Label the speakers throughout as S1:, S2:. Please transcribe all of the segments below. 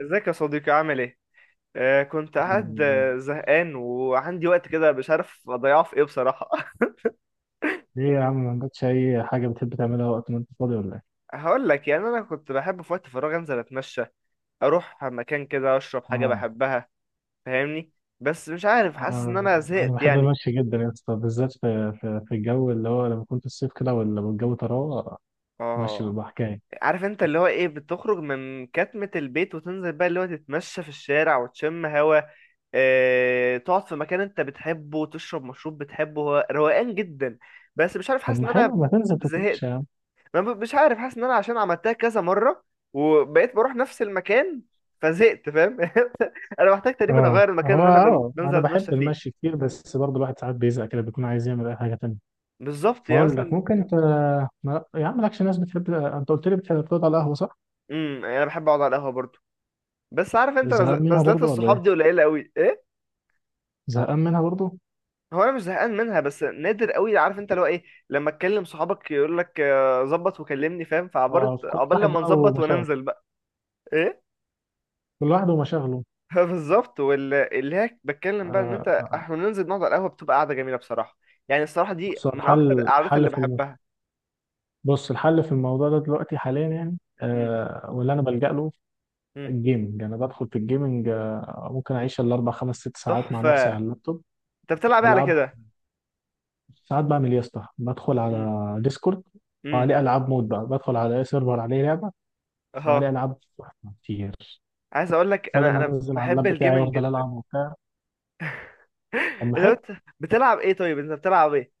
S1: ازيك يا صديقي عامل ايه؟ كنت
S2: الحمد
S1: قاعد
S2: لله.
S1: آه، زهقان وعندي وقت كده مش عارف اضيعه في ايه بصراحة.
S2: ليه يا عم، ما عندكش اي حاجه بتحب تعملها وقت ما انت فاضي ولا ايه؟
S1: هقول لك، يعني انا كنت بحب في وقت فراغي انزل اتمشى، اروح مكان كده اشرب حاجة
S2: اه.
S1: بحبها. فاهمني؟ بس مش عارف، حاسس ان انا
S2: انا
S1: زهقت
S2: بحب
S1: يعني.
S2: المشي جدا يا اسطى، بالذات في الجو اللي هو لما كنت الصيف كده ولا الجو طراوه، مشي
S1: اه،
S2: بيبقى حكايه.
S1: عارف انت اللي هو ايه، بتخرج من كتمة البيت وتنزل بقى اللي هو تتمشى في الشارع وتشم هوا. اه، تقعد في مكان انت بتحبه وتشرب مشروب بتحبه، هو روقان جدا. بس مش عارف
S2: طب
S1: حاسس
S2: ما
S1: ان انا
S2: حلو، ما تنزل
S1: زهقت.
S2: تتمشى يا عم.
S1: ما ب- مش عارف حاسس ان انا عشان عملتها كذا مره وبقيت بروح نفس المكان فزهقت. فاهم؟ انا محتاج تقريبا
S2: اه،
S1: اغير المكان
S2: هو
S1: اللي انا
S2: اه
S1: بنزل
S2: انا بحب
S1: اتمشى فيه.
S2: المشي كتير، بس برضه الواحد ساعات بيزهق كده، بيكون عايز يعمل اي حاجه تانية.
S1: بالظبط، يعني
S2: اقول لك
S1: مثلا.
S2: ممكن انت ما... يا عم، مالكش ناس بتحب؟ انت قلت لي بتحب تقعد على القهوه، صح؟
S1: يعني انا بحب اقعد على القهوه برضه. بس عارف انت،
S2: زهقان منها
S1: نزلات
S2: برضه ولا ايه؟
S1: الصحاب دي قليله قوي ايه.
S2: زهقان منها برضه.
S1: هو انا مش زهقان منها بس نادر قوي. عارف انت؟ لو ايه لما اتكلم صحابك يقول لك، ظبط وكلمني. فاهم؟ فعبرت
S2: اه، كل
S1: عقبال
S2: واحد
S1: لما
S2: بقى
S1: نظبط
S2: ومشاغله.
S1: وننزل بقى. ايه.
S2: كل واحد ومشاغله.
S1: بالظبط، واللي هي
S2: آه،
S1: بتكلم بقى ان انت
S2: آه. آه.
S1: احنا بننزل نقعد على القهوه بتبقى قاعده جميله بصراحه. يعني الصراحه دي
S2: بص هو
S1: من اكتر
S2: الحل
S1: القعدات
S2: الحل
S1: اللي
S2: في الم...
S1: بحبها.
S2: بص، الحل في الموضوع ده دلوقتي، حاليا يعني،
S1: مم.
S2: واللي انا بلجأ له
S1: مم.
S2: الجيمنج. انا بدخل في الجيمنج، ممكن اعيش الاربع خمس ست ساعات مع نفسي
S1: تحفه.
S2: على اللابتوب.
S1: انت بتلعب ايه على
S2: بلعب.
S1: كده؟
S2: ساعات بعمل إيه يا اسطى، بدخل
S1: مم.
S2: على ديسكورد
S1: مم.
S2: وعليه العاب مود بقى، بدخل على اي سيرفر عليه لعبه،
S1: اها.
S2: وعليه العاب كتير،
S1: عايز اقول لك
S2: بدل ما
S1: انا
S2: انزل على
S1: بحب
S2: اللاب بتاعي
S1: الجيمنج
S2: وافضل
S1: جدا.
S2: العب وبتاع. طب ما
S1: انت
S2: حلو.
S1: بتلعب ايه؟ طيب انت بتلعب ايه؟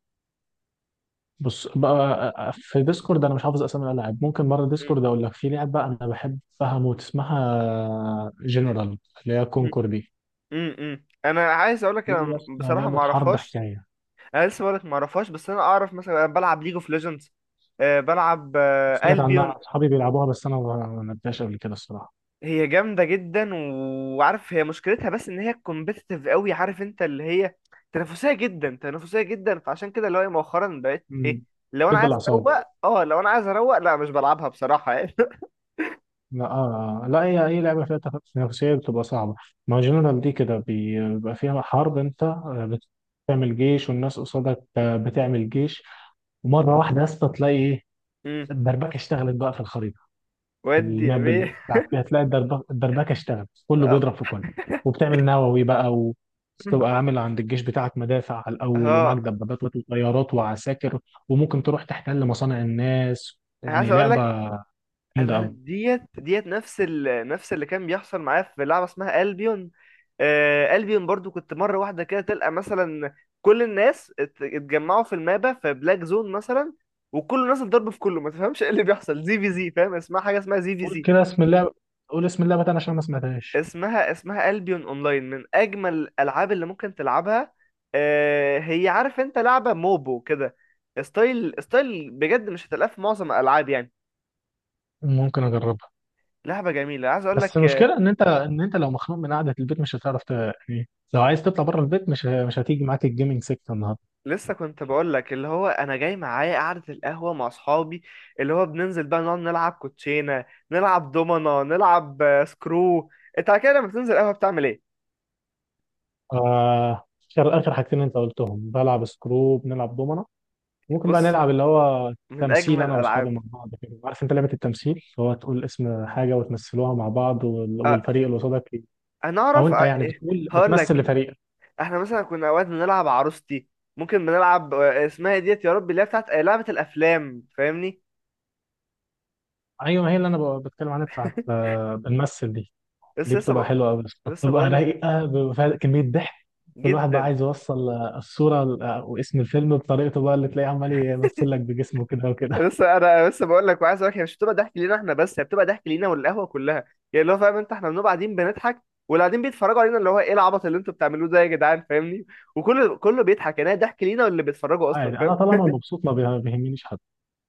S2: بص بقى، في ديسكورد انا مش حافظ اسامي الالعاب، ممكن مره
S1: مم.
S2: ديسكورد اقول لك في لعبه انا بحبها موت، اسمها جنرال، اللي هي
S1: مم.
S2: كونكور دي.
S1: انا عايز اقول لك انا
S2: دي اسمها
S1: بصراحه ما
S2: لعبه حرب،
S1: اعرفهاش.
S2: حكايه.
S1: انا لسه بقول لك ما اعرفهاش، بس انا اعرف مثلا انا بلعب ليج اوف ليجندز. بلعب
S2: سمعت
S1: البيون.
S2: عنها، اصحابي بيلعبوها، بس انا ما لعبتهاش قبل كده الصراحه.
S1: هي جامدة جدا، وعارف هي مشكلتها بس ان هي كومبيتيتيف قوي. عارف انت اللي هي تنافسية جدا تنافسية جدا؟ فعشان كده اللي هو إيه مؤخرا بقيت ايه،
S2: امم
S1: لو انا
S2: تد
S1: عايز اروق.
S2: الاعصاب.
S1: اه لو انا عايز اروق لا مش بلعبها بصراحة يعني.
S2: لا. آه. آه. لا، هي اي لعبه فيها تنافسيه بتبقى صعبه. ما جنرال دي كده بيبقى فيها حرب. انت بت- بتعمل جيش والناس قصادك، بتعمل جيش، ومره واحده يا اسطى تلاقي ايه؟
S1: امم.
S2: الدربكه اشتغلت بقى في الخريطه،
S1: ودي يا
S2: الماب اللي
S1: بيه.
S2: بتلعب فيها، تلاقي الدربكه اشتغلت، كله بيضرب في كله، وبتعمل نووي بقى، وتبقى عامل عند الجيش بتاعك مدافع على الاول، ومعاك
S1: اه.
S2: دبابات وطيارات وعساكر، وممكن تروح تحتل مصانع الناس،
S1: انا عايز
S2: يعني
S1: اقول لك
S2: لعبه جامده
S1: انا
S2: قوي.
S1: ديت نفس اللي كان بيحصل معايا في لعبه اسمها البيون. آه البيون برضو كنت مره واحده كده تلقى مثلا كل الناس اتجمعوا في المابا في بلاك زون مثلا، وكل الناس اتضرب في كله ما تفهمش ايه اللي بيحصل زي في زي. فاهم؟ اسمها حاجه اسمها زي في
S2: قول
S1: زي.
S2: كده اسم اللعبه. قول اسم اللعبه تاني عشان ما سمعتهاش.
S1: اسمها البيون اونلاين، من اجمل الالعاب اللي ممكن تلعبها. آه هي عارف انت لعبه موبو كده، ستايل ستايل بجد مش هتلاقيه في معظم الالعاب يعني.
S2: ممكن اجربها.
S1: لعبه جميله عايز اقول
S2: بس
S1: لك.
S2: المشكله ان انت لو مخنوق من قعده البيت، مش هتعرف يعني لو عايز تطلع بره البيت، مش هتيجي معاك الجيمنج سيكتور النهارده.
S1: لسه كنت بقول لك اللي هو انا جاي معايا قعده القهوه مع اصحابي. اللي هو بننزل بقى نقعد نلعب كوتشينه نلعب دومنا نلعب، سكرو. انت على كده لما بتنزل قهوه بتعمل ايه؟
S2: آه... آخر حاجتين انت قلتهم، بلعب سكرو، بنلعب دومنه. ممكن بقى
S1: بص،
S2: نلعب اللي هو
S1: من
S2: تمثيل،
S1: اجمل
S2: انا واصحابي
S1: الالعاب.
S2: مع بعض كده. عارف انت لعبه التمثيل، اللي هو تقول اسم حاجه وتمثلوها مع بعض
S1: أه
S2: والفريق اللي قصادك
S1: انا
S2: او
S1: اعرف.
S2: انت
S1: أه
S2: يعني
S1: إيه،
S2: بتقول
S1: هقول
S2: بتمثل
S1: لك.
S2: لفريقك.
S1: احنا مثلا كنا اوقات بنلعب عروستي. ممكن بنلعب، اسمها إيه ديت يا رب، اللي هي بتاعت، لعبه الافلام. فاهمني؟
S2: ايوه، هي اللي انا بتكلم عنها، بتاعت بنمثل دي.
S1: بس
S2: دي بتبقى حلوه قوي،
S1: لسه
S2: بتبقى
S1: بقول لك
S2: رايقه، بيبقى فيها كميه ضحك. كل واحد بقى
S1: جدا.
S2: عايز يوصل الصوره واسم الفيلم بطريقته بقى، اللي تلاقيه عمال يمثل لك بجسمه كده وكده
S1: بس انا بس بقول لك وعايز اقول لك، هي مش بتبقى ضحك لينا احنا بس، هي بتبقى ضحك لينا والقهوه كلها. يعني اللي هو فاهم انت احنا بنبقى قاعدين بنضحك، واللي قاعدين بيتفرجوا علينا اللي هو ايه العبط اللي انتوا بتعملوه ده يا جدعان. فاهمني؟ وكله كله بيضحك، يعني هي ضحك لينا واللي بيتفرجوا اصلا.
S2: عادي،
S1: فاهم؟
S2: انا طالما مبسوط ما بيه- بيهمنيش حد.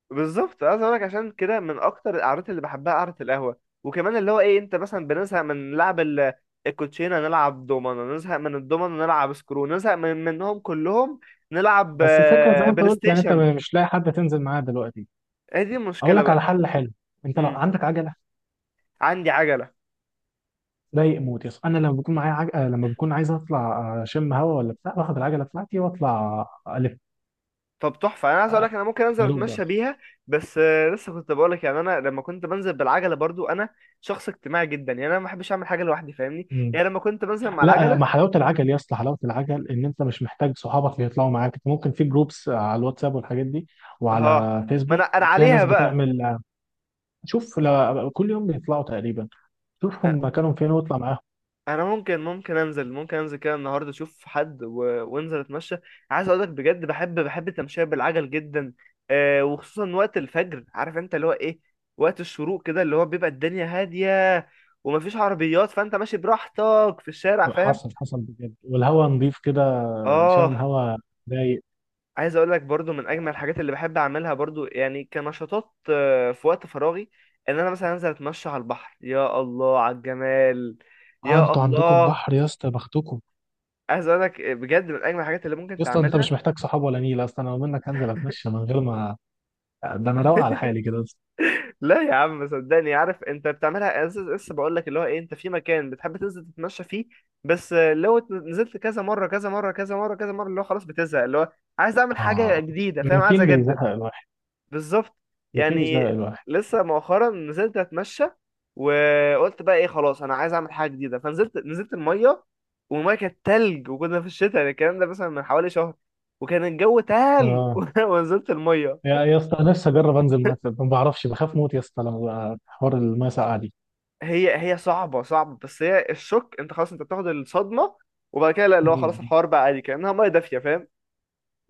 S1: بالظبط، عايز اقول لك عشان كده من اكتر القعدات اللي بحبها قعده القهوه. وكمان اللي هو ايه، انت مثلا بنزهق من لعب الكوتشينه، نلعب دومنه نزهق من الدومنه، نلعب سكرو نزهق من منهم كلهم. نلعب
S2: بس الفكره زي
S1: آه،
S2: ما انت
S1: بلاي
S2: قلت، يعني انت
S1: ستيشن.
S2: مش لاقي حد تنزل معاه دلوقتي.
S1: هي دي
S2: اقول
S1: المشكله
S2: لك على
S1: بقى.
S2: حل حلو. انت لو
S1: امم
S2: عندك عجله،
S1: عندي عجله.
S2: ضايق موت، يس، انا لما بكون عايز اطلع اشم هوا ولا بتاع، باخد العجله بتاعتي واطلع. الف.
S1: طب تحفة، أنا عايز أقول
S2: آه،
S1: لك أنا ممكن أنزل
S2: بدوق بقى.
S1: أتمشى بيها. بس، لسه كنت بقول لك، يعني أنا لما كنت بنزل بالعجلة برضو أنا شخص اجتماعي جدا، يعني أنا ما بحبش أعمل حاجة لوحدي. فاهمني؟
S2: مم.
S1: يعني لما كنت بنزل مع
S2: لا، ما
S1: العجلة
S2: حلاوه العجل يا اسطى، حلاوه العجل ان انت مش محتاج صحابك اللي يطلعوا معاك. انت ممكن في جروبس على الواتساب والحاجات دي،
S1: أه.
S2: وعلى
S1: ما
S2: فيسبوك،
S1: أنا
S2: فيها ناس
S1: عليها بقى.
S2: بتعمل شوف كل يوم بيطلعوا تقريبا،
S1: أ-
S2: شوفهم مكانهم فين واطلع معاهم.
S1: أنا ممكن ممكن أنزل كده النهاردة أشوف حد وأنزل أتمشى. عايز أقول لك بجد، بحب التمشية بالعجل جدا. أه، وخصوصا وقت الفجر. عارف أنت اللي هو إيه، وقت الشروق كده اللي هو بيبقى الدنيا هادية ومفيش عربيات فأنت ماشي براحتك في الشارع. فاهم؟
S2: حصل بجد، والهوا نضيف كده، شامم
S1: اه
S2: هوا، رايق.
S1: عايز اقول لك برضو من اجمل الحاجات اللي بحب اعملها برضو، يعني كنشاطات، في وقت فراغي، ان انا مثلا انزل اتمشى على البحر. يا الله على الجمال.
S2: اه،
S1: يا
S2: انتوا عندكم
S1: الله.
S2: البحر يا اسطى، بختكم.
S1: عايز اقول لك، بجد من اجمل الحاجات اللي ممكن
S2: يا اسطى، انت
S1: تعملها.
S2: مش محتاج صحاب ولا نيله اصلا، انا لو منك هنزل اتمشى من غير ما، ده انا روق على حالي كده بس.
S1: لا يا عم صدقني. عارف انت بتعملها، لسه بقول لك اللي هو ايه، انت في مكان بتحب تنزل تتمشى فيه. بس، لو نزلت كذا مره كذا مره كذا مره كذا مره، اللي هو خلاص بتزهق، اللي هو عايز اعمل حاجه
S2: اه،
S1: جديده. فاهم؟ عايز
S2: الروتين
S1: اجدد.
S2: بيزهق الواحد.
S1: بالظبط
S2: الروتين بيزهق
S1: يعني.
S2: الواحد.
S1: لسه مؤخرا نزلت اتمشى وقلت بقى ايه، خلاص انا عايز اعمل حاجه جديده، نزلت الميه. والميه كانت تلج، وكنا في الشتاء، يعني الكلام ده مثلا من حوالي شهر وكان الجو تلج.
S2: اه،
S1: ونزلت الميه.
S2: يا اسطى نفسي اجرب انزل ميه ساقعة. ما بعرفش، بخاف موت يا اسطى لما بقى حوار الميه ساقعه دي.
S1: هي صعبه صعبه، بس هي الشوك، انت خلاص انت بتاخد الصدمه. وبعد كده لا، اللي هو خلاص
S2: مم.
S1: الحوار بقى عادي كانها ميه دافيه. فاهم؟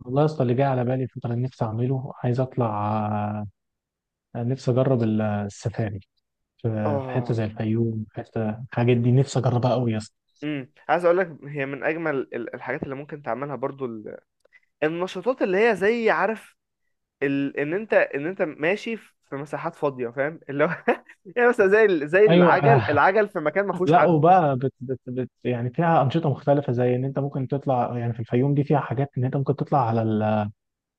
S2: والله يا اسطى، اللي جاي على بالي الفتره اللي نفسي اعمله، عايز اطلع نفسي اجرب السفاري في حته
S1: اه.
S2: زي الفيوم، حته الحاجات دي نفسي اجربها قوي يا اسطى.
S1: عايز اقول لك هي من اجمل الحاجات اللي ممكن تعملها برضو، النشاطات اللي هي زي عارف ان انت ماشي في مساحات فاضيه. فاهم؟ اللي هو يعني مثلا زي
S2: ايوه
S1: العجل في مكان ما فيهوش
S2: لا،
S1: حد.
S2: وبقى بت بت بت يعني فيها انشطه مختلفه، زي ان انت ممكن تطلع، يعني في الفيوم دي فيها حاجات ان انت ممكن تطلع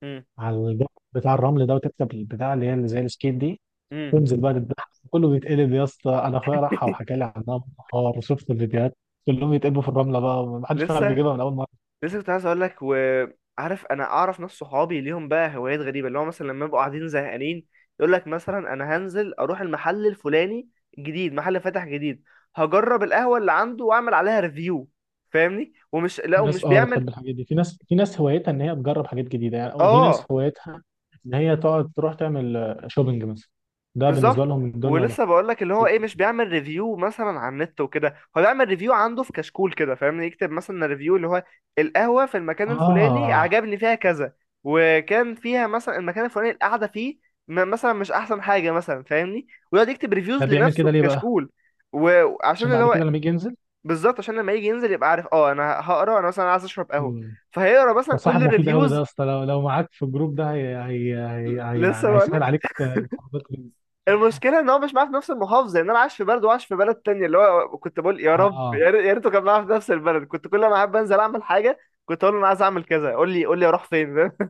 S1: امم،
S2: على الجبل بتاع الرمل ده، وتكسب البتاع اللي هي، اللي زي السكيت دي،
S1: امم.
S2: تنزل بقى تتبعها، كله بيتقلب يا اسطى. انا اخويا راحها وحكى لي عنها بالنهار، وشفت الفيديوهات كلهم يتقلبوا في الرمله بقى، محدش فعلا
S1: لسه
S2: بيجيبها من اول مره.
S1: لسه كنت عايز اقول لك. وعارف انا اعرف ناس صحابي ليهم بقى هوايات غريبه، اللي هو مثلا لما يبقوا قاعدين زهقانين يقول لك مثلا انا هنزل اروح المحل الفلاني، جديد محل فاتح جديد، هجرب القهوه اللي عنده واعمل عليها ريفيو. فاهمني؟ لا
S2: في ناس
S1: ومش بيعمل.
S2: بتحب الحاجات دي، في ناس هوايتها ان هي تجرب حاجات جديده يعني، وفي ناس
S1: اه
S2: هوايتها ان هي تقعد تروح تعمل شوبينج مثلا، ده بالنسبه
S1: بالظبط.
S2: لهم الدنيا وما
S1: ولسه بقول لك اللي هو
S2: فيها.
S1: ايه، مش بيعمل ريفيو مثلا على النت وكده، هو بيعمل ريفيو عنده في كشكول كده. فاهمني؟ يكتب مثلا ريفيو اللي هو القهوة في المكان الفلاني
S2: اه،
S1: عجبني فيها كذا، وكان فيها مثلا المكان الفلاني القعدة فيه مثلا مش احسن حاجة مثلا. فاهمني؟ ويقعد يكتب
S2: ده
S1: ريفيوز
S2: بيعمل
S1: لنفسه
S2: كده
S1: في
S2: ليه بقى؟
S1: كشكول. وعشان
S2: عشان
S1: اللي
S2: بعد
S1: هو
S2: كده لما يجي ينزل
S1: بالظبط عشان لما يجي ينزل يبقى عارف، اه انا هقرا، انا مثلا عايز اشرب قهوة،
S2: ال-
S1: فهيقرا مثلا
S2: ده صاحب
S1: كل
S2: مفيد قوي ده يا
S1: الريفيوز.
S2: اسطى، لو معاك في الجروب ده، هي
S1: لسه.
S2: يعني هيسهل عليك الخروجات جدا.
S1: المشكله ان هو مش معاه في نفس المحافظه، يعني انا عايش في بلد وعايش في بلد تانية، اللي هو كنت بقول يا رب
S2: اه
S1: يا ريته كان معاه في نفس البلد، كنت كل ما احب انزل اعمل حاجه كنت اقول له انا عايز اعمل كذا قول لي قول لي اروح فين. فاهم؟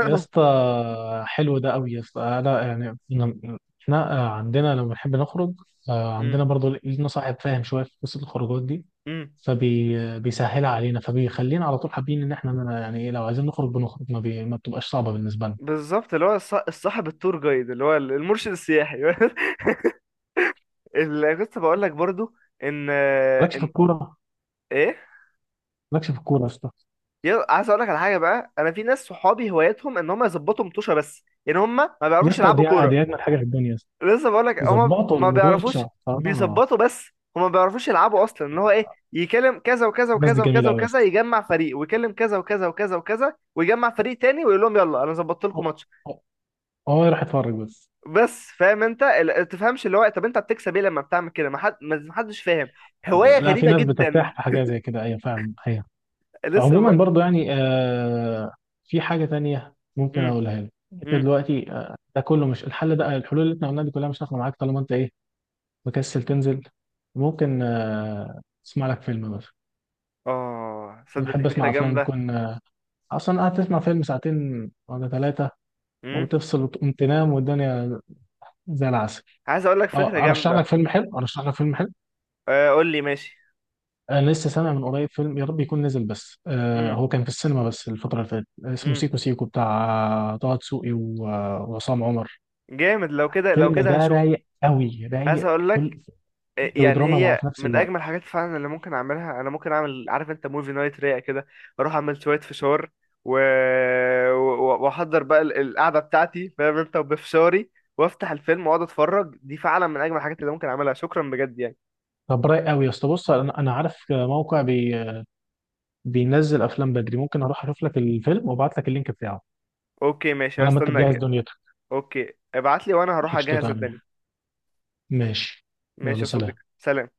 S2: يا اسطى. حلو ده قوي يا اسطى. انا يعني، إحنا عندنا لما بنحب نخرج،
S1: أمم،
S2: عندنا برضو لينا صاحب فاهم شويه في قصه الخروجات دي،
S1: أمم.
S2: فبيسهلها علينا، فبيخلينا على طول حابين ان احنا يعني ايه، لو عايزين نخرج بنخرج، ما بتبقاش صعبه بالنسبه لنا.
S1: بالظبط اللي هو الصاحب التور جايد، اللي هو المرشد السياحي. اللي كنت بقول لك برضو ان
S2: مالكش في الكوره؟
S1: ايه.
S2: مالكش في الكوره يا اسطى؟
S1: يلا عايز اقول لك على حاجه بقى، انا في ناس صحابي هوايتهم ان هم يظبطوا مطوشه بس، يعني هم ما
S2: يا
S1: بيعرفوش
S2: اسطى، دي
S1: يلعبوا كوره.
S2: دي اجمل حاجه في الدنيا.
S1: لسه بقول لك هما
S2: ظبطوا
S1: ما
S2: المدوشة،
S1: بيعرفوش،
S2: اه.
S1: بيظبطوا بس، هما ما بيعرفوش يلعبوا اصلا، ان هو ايه يكلم كذا وكذا
S2: الناس دي
S1: وكذا وكذا
S2: جميلة أوي
S1: وكذا
S2: بس.
S1: يجمع فريق ويكلم كذا وكذا وكذا وكذا ويجمع فريق تاني ويقول لهم يلا انا ظبطت لكم
S2: اه،
S1: ماتش.
S2: آه، آه، راح اتفرج بس.
S1: بس فاهم انت تفهمش اللي هو، طب انت بتكسب ايه لما بتعمل كده؟ ما حدش فاهم. هواية
S2: لا، في
S1: غريبة
S2: ناس
S1: جدا.
S2: بترتاح في حاجة زي كده، أيوة، فعلا، أيوة.
S1: لسه
S2: عموما
S1: بقول.
S2: برضو يعني، في حاجة تانية ممكن
S1: امم،
S2: أقولها لك أنت
S1: امم.
S2: دلوقتي. ده كله مش الحل، ده الحلول اللي احنا قلناها دي كلها مش هتاخد معاك طالما أنت إيه، مكسل تنزل. ممكن تسمع لك فيلم بس.
S1: اه
S2: أنا
S1: صدق، دي
S2: بحب
S1: فكرة
S2: أسمع أفلام
S1: جامدة.
S2: تكون أصلا قاعد تسمع فيلم ساعتين ولا ثلاثة،
S1: امم
S2: وتفصل وتقوم تنام، والدنيا زي العسل.
S1: عايز اقول لك فكرة
S2: اه، ارشح لك
S1: جامدة.
S2: فيلم حلو، ارشح لك فيلم حلو.
S1: آه، قول لي ماشي.
S2: انا لسه سامع من قريب فيلم، يا رب يكون نزل، بس
S1: امم،
S2: هو كان في السينما بس الفتره اللي فاتت، اسمه
S1: امم.
S2: سيكو سيكو، بتاع طه دسوقي وعصام عمر.
S1: جامد، لو كده لو
S2: الفيلم
S1: كده
S2: ده
S1: هشوفه.
S2: رايق قوي،
S1: عايز
S2: رايق.
S1: اقول
S2: كل،
S1: لك،
S2: كوميدي
S1: يعني
S2: ودراما مع
S1: هي
S2: في نفس
S1: من
S2: الوقت.
S1: اجمل الحاجات فعلا اللي ممكن اعملها، انا ممكن اعمل عارف انت موفي نايت رايق كده. اروح اعمل شويه فشار و... واحضر بقى القعده بتاعتي فاهم انت، وبفشاري وافتح الفيلم واقعد اتفرج، دي فعلا من اجمل الحاجات اللي ممكن اعملها. شكرا بجد يعني.
S2: طب رايق قوي يا اسطى. بص أنا عارف موقع بينزل افلام بدري، ممكن اروح اشوف لك الفيلم وابعت لك اللينك بتاعه
S1: اوكي ماشي،
S2: على ما انت تجهز
S1: هستناك.
S2: دنيتك.
S1: اوكي ابعت لي وانا هروح
S2: قشطه،
S1: اجهز الدنيا.
S2: تمام، ماشي.
S1: ماشي
S2: يلا
S1: يا
S2: سلام.
S1: صديقي، سلام.